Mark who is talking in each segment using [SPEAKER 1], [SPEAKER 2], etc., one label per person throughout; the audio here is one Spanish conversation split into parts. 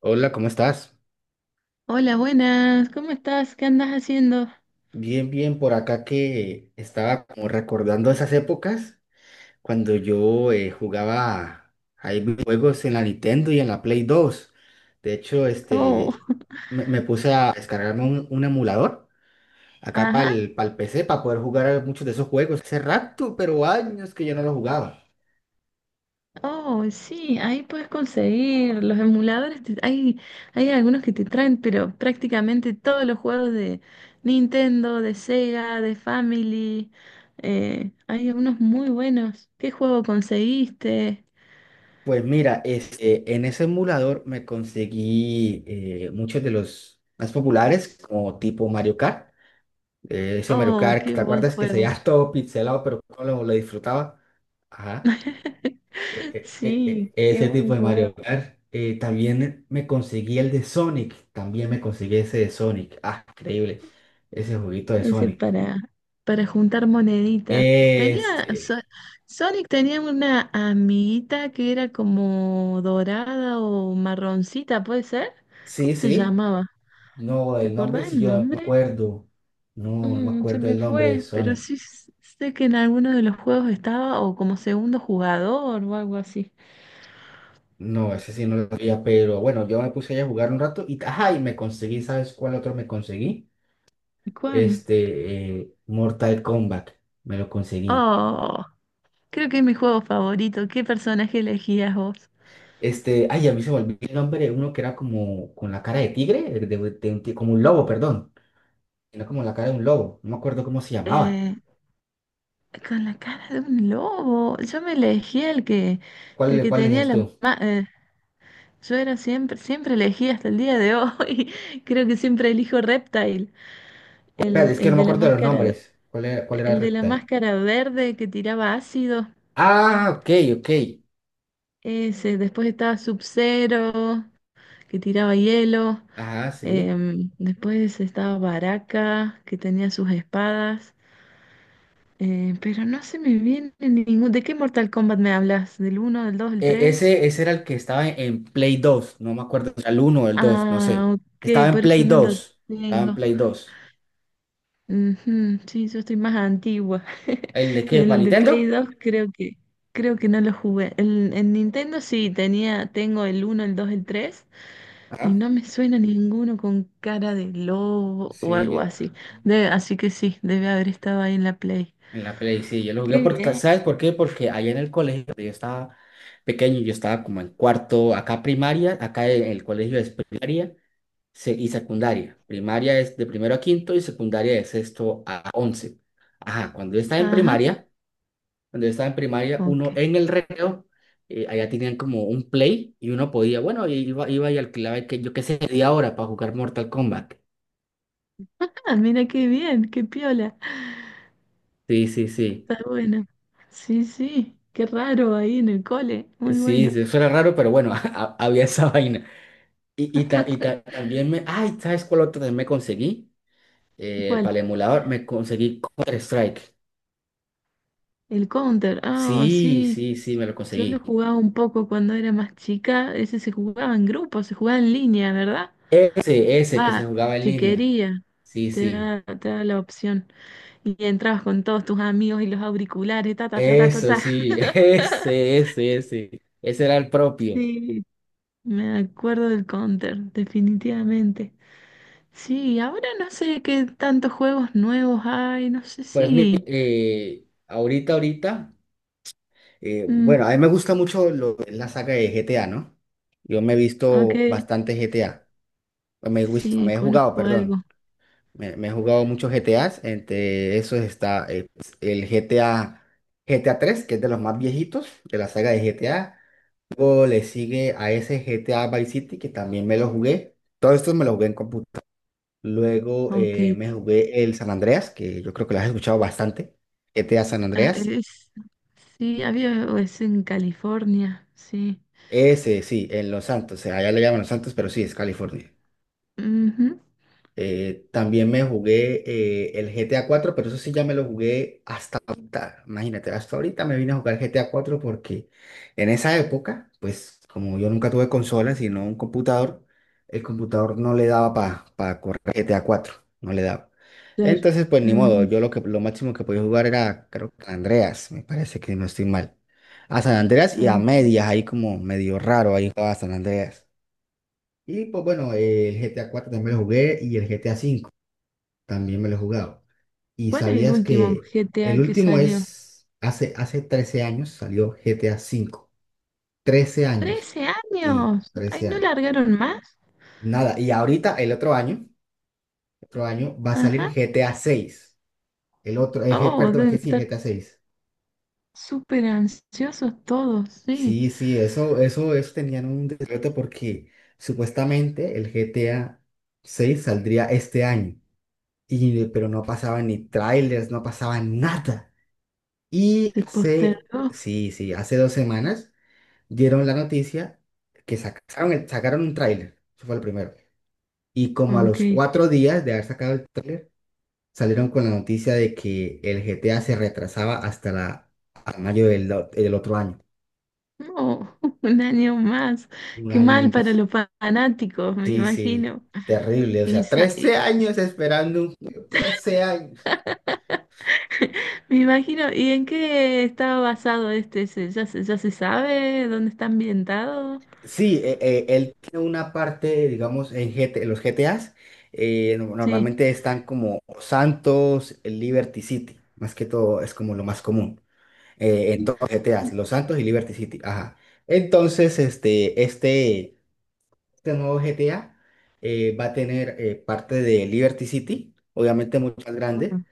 [SPEAKER 1] Hola, ¿cómo estás?
[SPEAKER 2] Hola, buenas, ¿cómo estás? ¿Qué andas haciendo?
[SPEAKER 1] Bien, bien, por acá que estaba como recordando esas épocas cuando yo jugaba ahí juegos en la Nintendo y en la Play dos. De hecho,
[SPEAKER 2] Oh,
[SPEAKER 1] me puse a descargarme un emulador acá para
[SPEAKER 2] ajá,
[SPEAKER 1] el PC para poder jugar a muchos de esos juegos. Hace rato, pero años que yo no los jugaba.
[SPEAKER 2] oh, sí, ahí puedes conseguir los emuladores. Hay algunos que te traen, pero prácticamente todos los juegos de Nintendo, de Sega, de Family. Hay algunos muy buenos. ¿Qué juego conseguiste?
[SPEAKER 1] Pues mira, en ese emulador me conseguí muchos de los más populares, como tipo Mario Kart. Ese Mario
[SPEAKER 2] Oh,
[SPEAKER 1] Kart,
[SPEAKER 2] qué
[SPEAKER 1] ¿te
[SPEAKER 2] buen
[SPEAKER 1] acuerdas que se
[SPEAKER 2] juego.
[SPEAKER 1] veía todo pixelado, pero cómo lo disfrutaba? Ajá. E- e-
[SPEAKER 2] Sí,
[SPEAKER 1] e- e-
[SPEAKER 2] qué
[SPEAKER 1] ese
[SPEAKER 2] buen
[SPEAKER 1] tipo de
[SPEAKER 2] juego.
[SPEAKER 1] Mario Kart. También me conseguí el de Sonic. También me conseguí ese de Sonic. Ah, increíble. Ese juguito de
[SPEAKER 2] Ese
[SPEAKER 1] Sonic.
[SPEAKER 2] para juntar moneditas.
[SPEAKER 1] Es,
[SPEAKER 2] Tenía, So-
[SPEAKER 1] eh,
[SPEAKER 2] Sonic tenía una amiguita que era como dorada o marroncita, ¿puede ser?
[SPEAKER 1] sí,
[SPEAKER 2] ¿Cómo se
[SPEAKER 1] sí.
[SPEAKER 2] llamaba?
[SPEAKER 1] No,
[SPEAKER 2] ¿Te
[SPEAKER 1] el nombre
[SPEAKER 2] acordás
[SPEAKER 1] sí
[SPEAKER 2] el
[SPEAKER 1] yo no me
[SPEAKER 2] nombre?
[SPEAKER 1] acuerdo. No, no me
[SPEAKER 2] Mm, se
[SPEAKER 1] acuerdo
[SPEAKER 2] me
[SPEAKER 1] el nombre de
[SPEAKER 2] fue, pero
[SPEAKER 1] Sonic.
[SPEAKER 2] sí sé que en alguno de los juegos estaba o como segundo jugador o algo así.
[SPEAKER 1] No, ese sí no lo sabía, pero bueno, yo me puse ahí a jugar un rato y, ajá, y me conseguí, ¿sabes cuál otro me conseguí?
[SPEAKER 2] ¿Y cuál?
[SPEAKER 1] Mortal Kombat, me lo conseguí.
[SPEAKER 2] Oh, creo que es mi juego favorito. ¿Qué personaje elegías vos?
[SPEAKER 1] Ay, a mí se me olvidó el nombre, uno que era como con la cara de tigre, de como un lobo, perdón. Era como la cara de un lobo, no me acuerdo cómo se llamaba.
[SPEAKER 2] Eh, Con la cara de un lobo. Yo me elegí el
[SPEAKER 1] ¿Cuál,
[SPEAKER 2] que
[SPEAKER 1] cuál
[SPEAKER 2] tenía
[SPEAKER 1] elegías tú?
[SPEAKER 2] ma- eh, siempre elegí hasta el día de hoy. Creo que siempre elijo Reptile,
[SPEAKER 1] Espérate, es que
[SPEAKER 2] el
[SPEAKER 1] no me
[SPEAKER 2] de la
[SPEAKER 1] acuerdo de los
[SPEAKER 2] máscara,
[SPEAKER 1] nombres. ¿Cuál era el
[SPEAKER 2] el de la
[SPEAKER 1] rectal?
[SPEAKER 2] máscara verde que tiraba ácido.
[SPEAKER 1] Ah, ok, ok.
[SPEAKER 2] Ese, después estaba Sub-Zero, que tiraba hielo.
[SPEAKER 1] Ajá, sí.
[SPEAKER 2] Después estaba Baraka, que tenía sus espadas. Pero no se me viene ningún. ¿De qué Mortal Kombat me hablas? ¿Del uno, del 2, del
[SPEAKER 1] E-
[SPEAKER 2] tres?
[SPEAKER 1] ese, ese era el que estaba en Play dos, no me acuerdo si era el uno o el dos, no
[SPEAKER 2] Ah,
[SPEAKER 1] sé. Estaba
[SPEAKER 2] ok,
[SPEAKER 1] en
[SPEAKER 2] por
[SPEAKER 1] Play
[SPEAKER 2] eso no lo
[SPEAKER 1] dos estaba en
[SPEAKER 2] tengo.
[SPEAKER 1] Play dos
[SPEAKER 2] Ujú, sí, yo estoy más antigua.
[SPEAKER 1] ¿El de qué? ¿Para
[SPEAKER 2] El de Play
[SPEAKER 1] Nintendo?
[SPEAKER 2] 2 creo que no lo jugué. En Nintendo sí tenía, tengo el uno el 2 el 3 y
[SPEAKER 1] Ajá.
[SPEAKER 2] no me suena ninguno con cara de lobo o
[SPEAKER 1] Sí,
[SPEAKER 2] algo
[SPEAKER 1] yo.
[SPEAKER 2] así. Así que sí, debe haber estado ahí en la Play.
[SPEAKER 1] En la Play, sí, yo lo jugué
[SPEAKER 2] Qué
[SPEAKER 1] porque,
[SPEAKER 2] bien.
[SPEAKER 1] ¿sabes por qué? Porque allá en el colegio, cuando yo estaba pequeño, yo estaba como en cuarto, acá primaria, acá en el colegio es primaria y secundaria. Primaria es de primero a quinto y secundaria de sexto a once. Ajá, cuando yo estaba en
[SPEAKER 2] Ajá,
[SPEAKER 1] primaria, cuando yo estaba en primaria,
[SPEAKER 2] ok.
[SPEAKER 1] uno en el recreo, allá tenían como un Play y uno podía, bueno, iba y alquilaba, que, yo qué sé, media hora para jugar Mortal Kombat.
[SPEAKER 2] Ah, mira qué bien, qué piola.
[SPEAKER 1] Sí, sí, sí.
[SPEAKER 2] Está bueno. Sí, sí, qué raro ahí en el cole. Muy
[SPEAKER 1] Sí,
[SPEAKER 2] bueno.
[SPEAKER 1] sí, eso era raro, pero bueno, había esa vaina. Y, y, ta- y ta- también me... Ay, ¿sabes cuál otro también me conseguí?
[SPEAKER 2] ¿Cuál?
[SPEAKER 1] Para el emulador me conseguí Counter-Strike.
[SPEAKER 2] El Counter, ah,
[SPEAKER 1] Sí,
[SPEAKER 2] sí.
[SPEAKER 1] sí, sí, me lo
[SPEAKER 2] Yo lo
[SPEAKER 1] conseguí.
[SPEAKER 2] jugaba un poco cuando era más chica. Ese se jugaba en grupo, se jugaba en línea, ¿verdad?
[SPEAKER 1] Ese que se
[SPEAKER 2] Va,
[SPEAKER 1] jugaba en
[SPEAKER 2] si
[SPEAKER 1] línea.
[SPEAKER 2] quería,
[SPEAKER 1] Sí, sí.
[SPEAKER 2] te da la opción. Y entrabas con todos tus amigos y los auriculares, ta, ta, ta, ta, ta,
[SPEAKER 1] Eso,
[SPEAKER 2] ta.
[SPEAKER 1] sí. Ese. Ese era el propio.
[SPEAKER 2] Sí, me acuerdo del Counter, definitivamente. Sí, ahora no sé qué tantos juegos nuevos hay, no sé
[SPEAKER 1] Pues mira,
[SPEAKER 2] si.
[SPEAKER 1] ahorita...
[SPEAKER 2] Mm,
[SPEAKER 1] Bueno, a mí me gusta mucho la saga de GTA, ¿no? Yo me he
[SPEAKER 2] ok,
[SPEAKER 1] visto bastante GTA.
[SPEAKER 2] sí,
[SPEAKER 1] Me he jugado,
[SPEAKER 2] conozco
[SPEAKER 1] perdón.
[SPEAKER 2] algo.
[SPEAKER 1] Me he jugado muchos GTAs, entre esos está pues, el GTA 3 que es de los más viejitos de la saga de GTA. Luego le sigue a ese GTA Vice City, que también me lo jugué. Todos estos me los jugué en computador. Luego
[SPEAKER 2] Ok,
[SPEAKER 1] me jugué el San Andreas, que yo creo que lo has escuchado bastante. GTA San
[SPEAKER 2] ah,
[SPEAKER 1] Andreas.
[SPEAKER 2] sí, había o es en California, sí.
[SPEAKER 1] Ese, sí, en Los Santos. Allá le llaman Los Santos, pero sí, es California.
[SPEAKER 2] Ujú,
[SPEAKER 1] También me jugué el GTA 4, pero eso sí ya me lo jugué hasta ahorita. Imagínate, hasta ahorita me vine a jugar GTA 4 porque en esa época, pues como yo nunca tuve consola, sino un computador, el computador no le daba para correr GTA 4, no le daba.
[SPEAKER 2] claro.
[SPEAKER 1] Entonces, pues ni modo,
[SPEAKER 2] Ujú,
[SPEAKER 1] yo lo que lo máximo que podía jugar era, creo que San Andreas, me parece que no estoy mal. A San Andreas y a
[SPEAKER 2] ok.
[SPEAKER 1] medias, ahí como medio raro, ahí jugaba San Andreas. Y pues bueno, el GTA 4 también lo jugué y el GTA 5. También me lo he jugado. ¿Y
[SPEAKER 2] ¿Cuál es el
[SPEAKER 1] sabías
[SPEAKER 2] último
[SPEAKER 1] que el
[SPEAKER 2] GTA que
[SPEAKER 1] último
[SPEAKER 2] salió?
[SPEAKER 1] es, hace 13 años salió GTA 5, 13 años?
[SPEAKER 2] Trece
[SPEAKER 1] Sí,
[SPEAKER 2] años! ¡Ay,
[SPEAKER 1] 13
[SPEAKER 2] no
[SPEAKER 1] años.
[SPEAKER 2] largaron más!
[SPEAKER 1] Nada, y ahorita el otro año va a salir
[SPEAKER 2] Ajá.
[SPEAKER 1] GTA 6. El otro, G-
[SPEAKER 2] Oh,
[SPEAKER 1] perdón,
[SPEAKER 2] deben
[SPEAKER 1] G- sí,
[SPEAKER 2] estar
[SPEAKER 1] GTA 6.
[SPEAKER 2] súper ansiosos todos, sí.
[SPEAKER 1] Sí, sí, eso tenían un decreto porque supuestamente el GTA 6 saldría este año, pero no pasaban ni trailers, no pasaba nada. Y
[SPEAKER 2] Se
[SPEAKER 1] hace,
[SPEAKER 2] postergó.
[SPEAKER 1] sí, sí, hace 2 semanas dieron la noticia que sacaron un tráiler, eso fue el primero. Y como a
[SPEAKER 2] Ok.
[SPEAKER 1] los 4 días de haber sacado el tráiler, salieron con la noticia de que el GTA se retrasaba hasta mayo del otro año.
[SPEAKER 2] No, un año más.
[SPEAKER 1] Un
[SPEAKER 2] Qué
[SPEAKER 1] año
[SPEAKER 2] mal para
[SPEAKER 1] más.
[SPEAKER 2] los fanáticos, me
[SPEAKER 1] Sí, sí,
[SPEAKER 2] imagino.
[SPEAKER 1] terrible. O
[SPEAKER 2] Y,
[SPEAKER 1] sea,
[SPEAKER 2] sa-
[SPEAKER 1] 13 años esperando un juego, 13 años.
[SPEAKER 2] Me imagino, ¿y en qué está basado este? ¿Ya se sabe dónde está ambientado?
[SPEAKER 1] Sí, él tiene una parte, digamos, en GT los GTAs,
[SPEAKER 2] Sí.
[SPEAKER 1] normalmente están como Santos, Liberty City, más que todo es como lo más común en todos los GTAs, Los Santos y Liberty City, ajá. Entonces, este nuevo GTA va a tener parte de Liberty City, obviamente mucho más
[SPEAKER 2] Mm.
[SPEAKER 1] grande,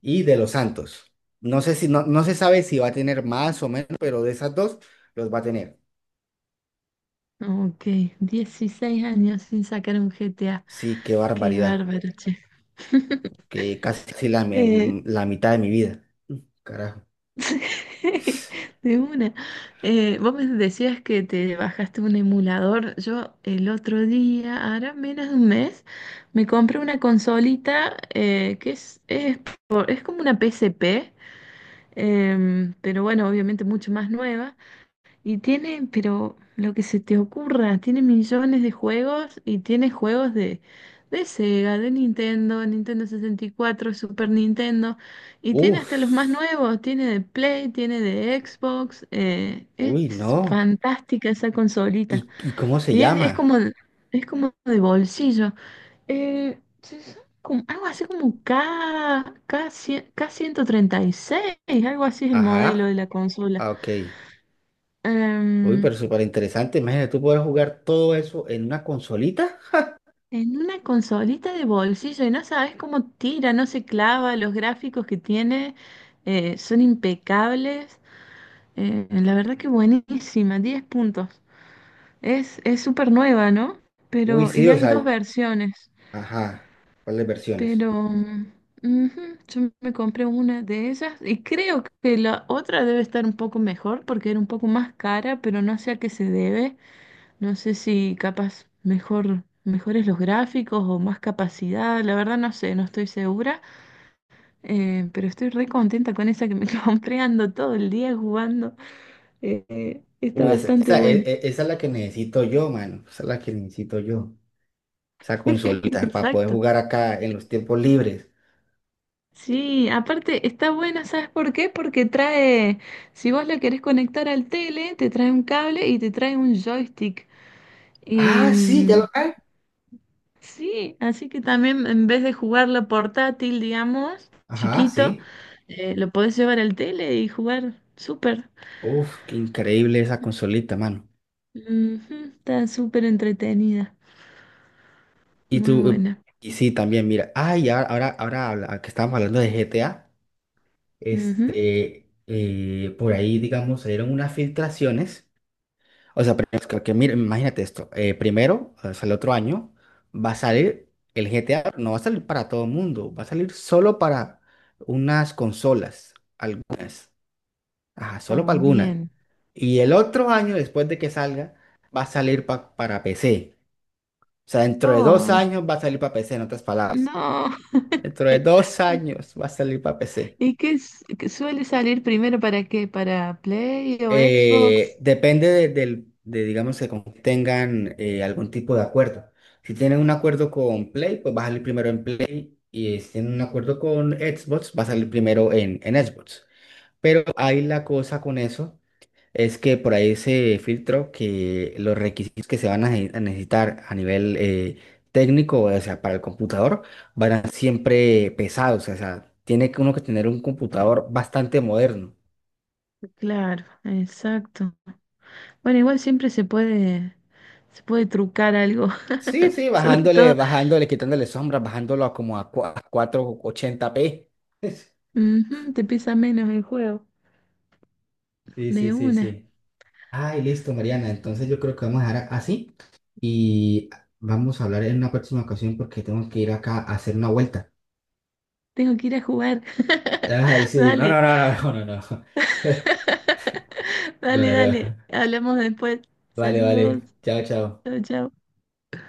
[SPEAKER 1] y de Los Santos. No se sabe si va a tener más o menos, pero de esas dos los va a tener.
[SPEAKER 2] Ok, 16 años sin sacar un GTA.
[SPEAKER 1] Sí, qué
[SPEAKER 2] Qué
[SPEAKER 1] barbaridad.
[SPEAKER 2] bárbaro, che.
[SPEAKER 1] Que casi casi la,
[SPEAKER 2] Eh,
[SPEAKER 1] me- la mitad de mi vida. Carajo.
[SPEAKER 2] de una. Vos me decías que te bajaste un emulador. Yo el otro día, ahora menos de un mes, me compré una consolita que es como una PSP, pero bueno, obviamente mucho más nueva. Y tiene, pero lo que se te ocurra, tiene millones de juegos y tiene juegos de Sega, de Nintendo, Nintendo 64, Super Nintendo. Y tiene
[SPEAKER 1] Uf,
[SPEAKER 2] hasta los más nuevos, tiene de Play, tiene de Xbox. eh,
[SPEAKER 1] uy,
[SPEAKER 2] es
[SPEAKER 1] no.
[SPEAKER 2] fantástica esa consolita.
[SPEAKER 1] ¿Y cómo se
[SPEAKER 2] Y
[SPEAKER 1] llama?
[SPEAKER 2] es como de bolsillo. Sí, son algo así como K136, algo así es el modelo
[SPEAKER 1] Ajá,
[SPEAKER 2] de la consola.
[SPEAKER 1] ah, ok. Uy,
[SPEAKER 2] Em,
[SPEAKER 1] pero súper interesante. Imagínate, tú puedes jugar todo eso en una consolita.
[SPEAKER 2] en una consolita de bolsillo, y no sabes cómo tira, no se clava, los gráficos que tiene son impecables. La verdad que buenísima, 10 puntos. Es súper nueva, ¿no?
[SPEAKER 1] Uy,
[SPEAKER 2] Pero,
[SPEAKER 1] sí,
[SPEAKER 2] y
[SPEAKER 1] o
[SPEAKER 2] hay dos
[SPEAKER 1] sea,
[SPEAKER 2] versiones.
[SPEAKER 1] ajá. ¿Cuáles versiones?
[SPEAKER 2] Pero ujú, yo me compré una de ellas y creo que la otra debe estar un poco mejor porque era un poco más cara, pero no sé a qué se debe. No sé si capaz mejor, mejores los gráficos o más capacidad. La verdad no sé, no estoy segura, pero estoy re contenta con esa que me compré. Ando todo el día jugando. Está
[SPEAKER 1] Uy, esa,
[SPEAKER 2] bastante
[SPEAKER 1] esa, e-
[SPEAKER 2] buena.
[SPEAKER 1] e- esa es la que necesito yo, mano. Esa es la que necesito yo. Esa consolita para poder
[SPEAKER 2] Exacto.
[SPEAKER 1] jugar acá en los tiempos libres.
[SPEAKER 2] Sí, aparte está buena, ¿sabes por qué? Porque trae, si vos la querés conectar al tele, te trae un cable y te trae un joystick. Y
[SPEAKER 1] Ah, sí, ya lo hay.
[SPEAKER 2] sí, así que también en vez de jugarlo portátil, digamos,
[SPEAKER 1] Ajá,
[SPEAKER 2] chiquito,
[SPEAKER 1] sí.
[SPEAKER 2] lo podés llevar al tele y jugar súper.
[SPEAKER 1] Uf, qué increíble esa consolita, mano.
[SPEAKER 2] Ujú, está súper entretenida,
[SPEAKER 1] Y
[SPEAKER 2] muy
[SPEAKER 1] tú, eh,
[SPEAKER 2] buena.
[SPEAKER 1] y sí, también, mira, ay, que estábamos hablando de GTA,
[SPEAKER 2] Ujú.
[SPEAKER 1] por ahí, digamos, salieron unas filtraciones, o sea, pero que mira, imagínate esto, primero, o sea, el otro año, va a salir el GTA, pero no va a salir para todo el mundo, va a salir solo para unas consolas, algunas, ajá, solo
[SPEAKER 2] Oh,
[SPEAKER 1] para algunas,
[SPEAKER 2] bien.
[SPEAKER 1] y el otro año, después de que salga, va a salir para PC, o sea, dentro de dos
[SPEAKER 2] Oh,
[SPEAKER 1] años va a salir para PC, en otras palabras.
[SPEAKER 2] no.
[SPEAKER 1] Dentro de dos años va a salir para PC.
[SPEAKER 2] ¿Y qué suele salir primero para qué? ¿Para Play o Xbox?
[SPEAKER 1] Depende digamos, que tengan algún tipo de acuerdo. Si tienen un acuerdo con Play, pues va a salir primero en Play. Y si tienen un acuerdo con Xbox, va a salir primero en Xbox. Pero ahí la cosa con eso. Es que por ahí se filtró que los requisitos que se van a necesitar a nivel técnico, o sea, para el computador, van a ser siempre pesados, o sea, tiene que uno que tener un computador bastante moderno.
[SPEAKER 2] Claro, exacto. Bueno, igual siempre se puede, trucar algo,
[SPEAKER 1] Sí, sí,
[SPEAKER 2] sobre
[SPEAKER 1] bajándole,
[SPEAKER 2] todo,
[SPEAKER 1] bajándole, quitándole sombras, bajándolo a como a 480p.
[SPEAKER 2] ujú, te pesa menos el juego,
[SPEAKER 1] Sí, sí,
[SPEAKER 2] de
[SPEAKER 1] sí,
[SPEAKER 2] una.
[SPEAKER 1] sí. Ay, listo, Mariana. Entonces yo creo que vamos a dejar así y vamos a hablar en una próxima ocasión porque tengo que ir acá a hacer una vuelta.
[SPEAKER 2] Tengo que ir a jugar.
[SPEAKER 1] Ay, sí, no,
[SPEAKER 2] Dale,
[SPEAKER 1] no, no, no, no, no, no, no,
[SPEAKER 2] dale,
[SPEAKER 1] no, no.
[SPEAKER 2] dale. Hablamos después.
[SPEAKER 1] Vale,
[SPEAKER 2] Saludos.
[SPEAKER 1] vale, chao, chao.
[SPEAKER 2] Chao, chao.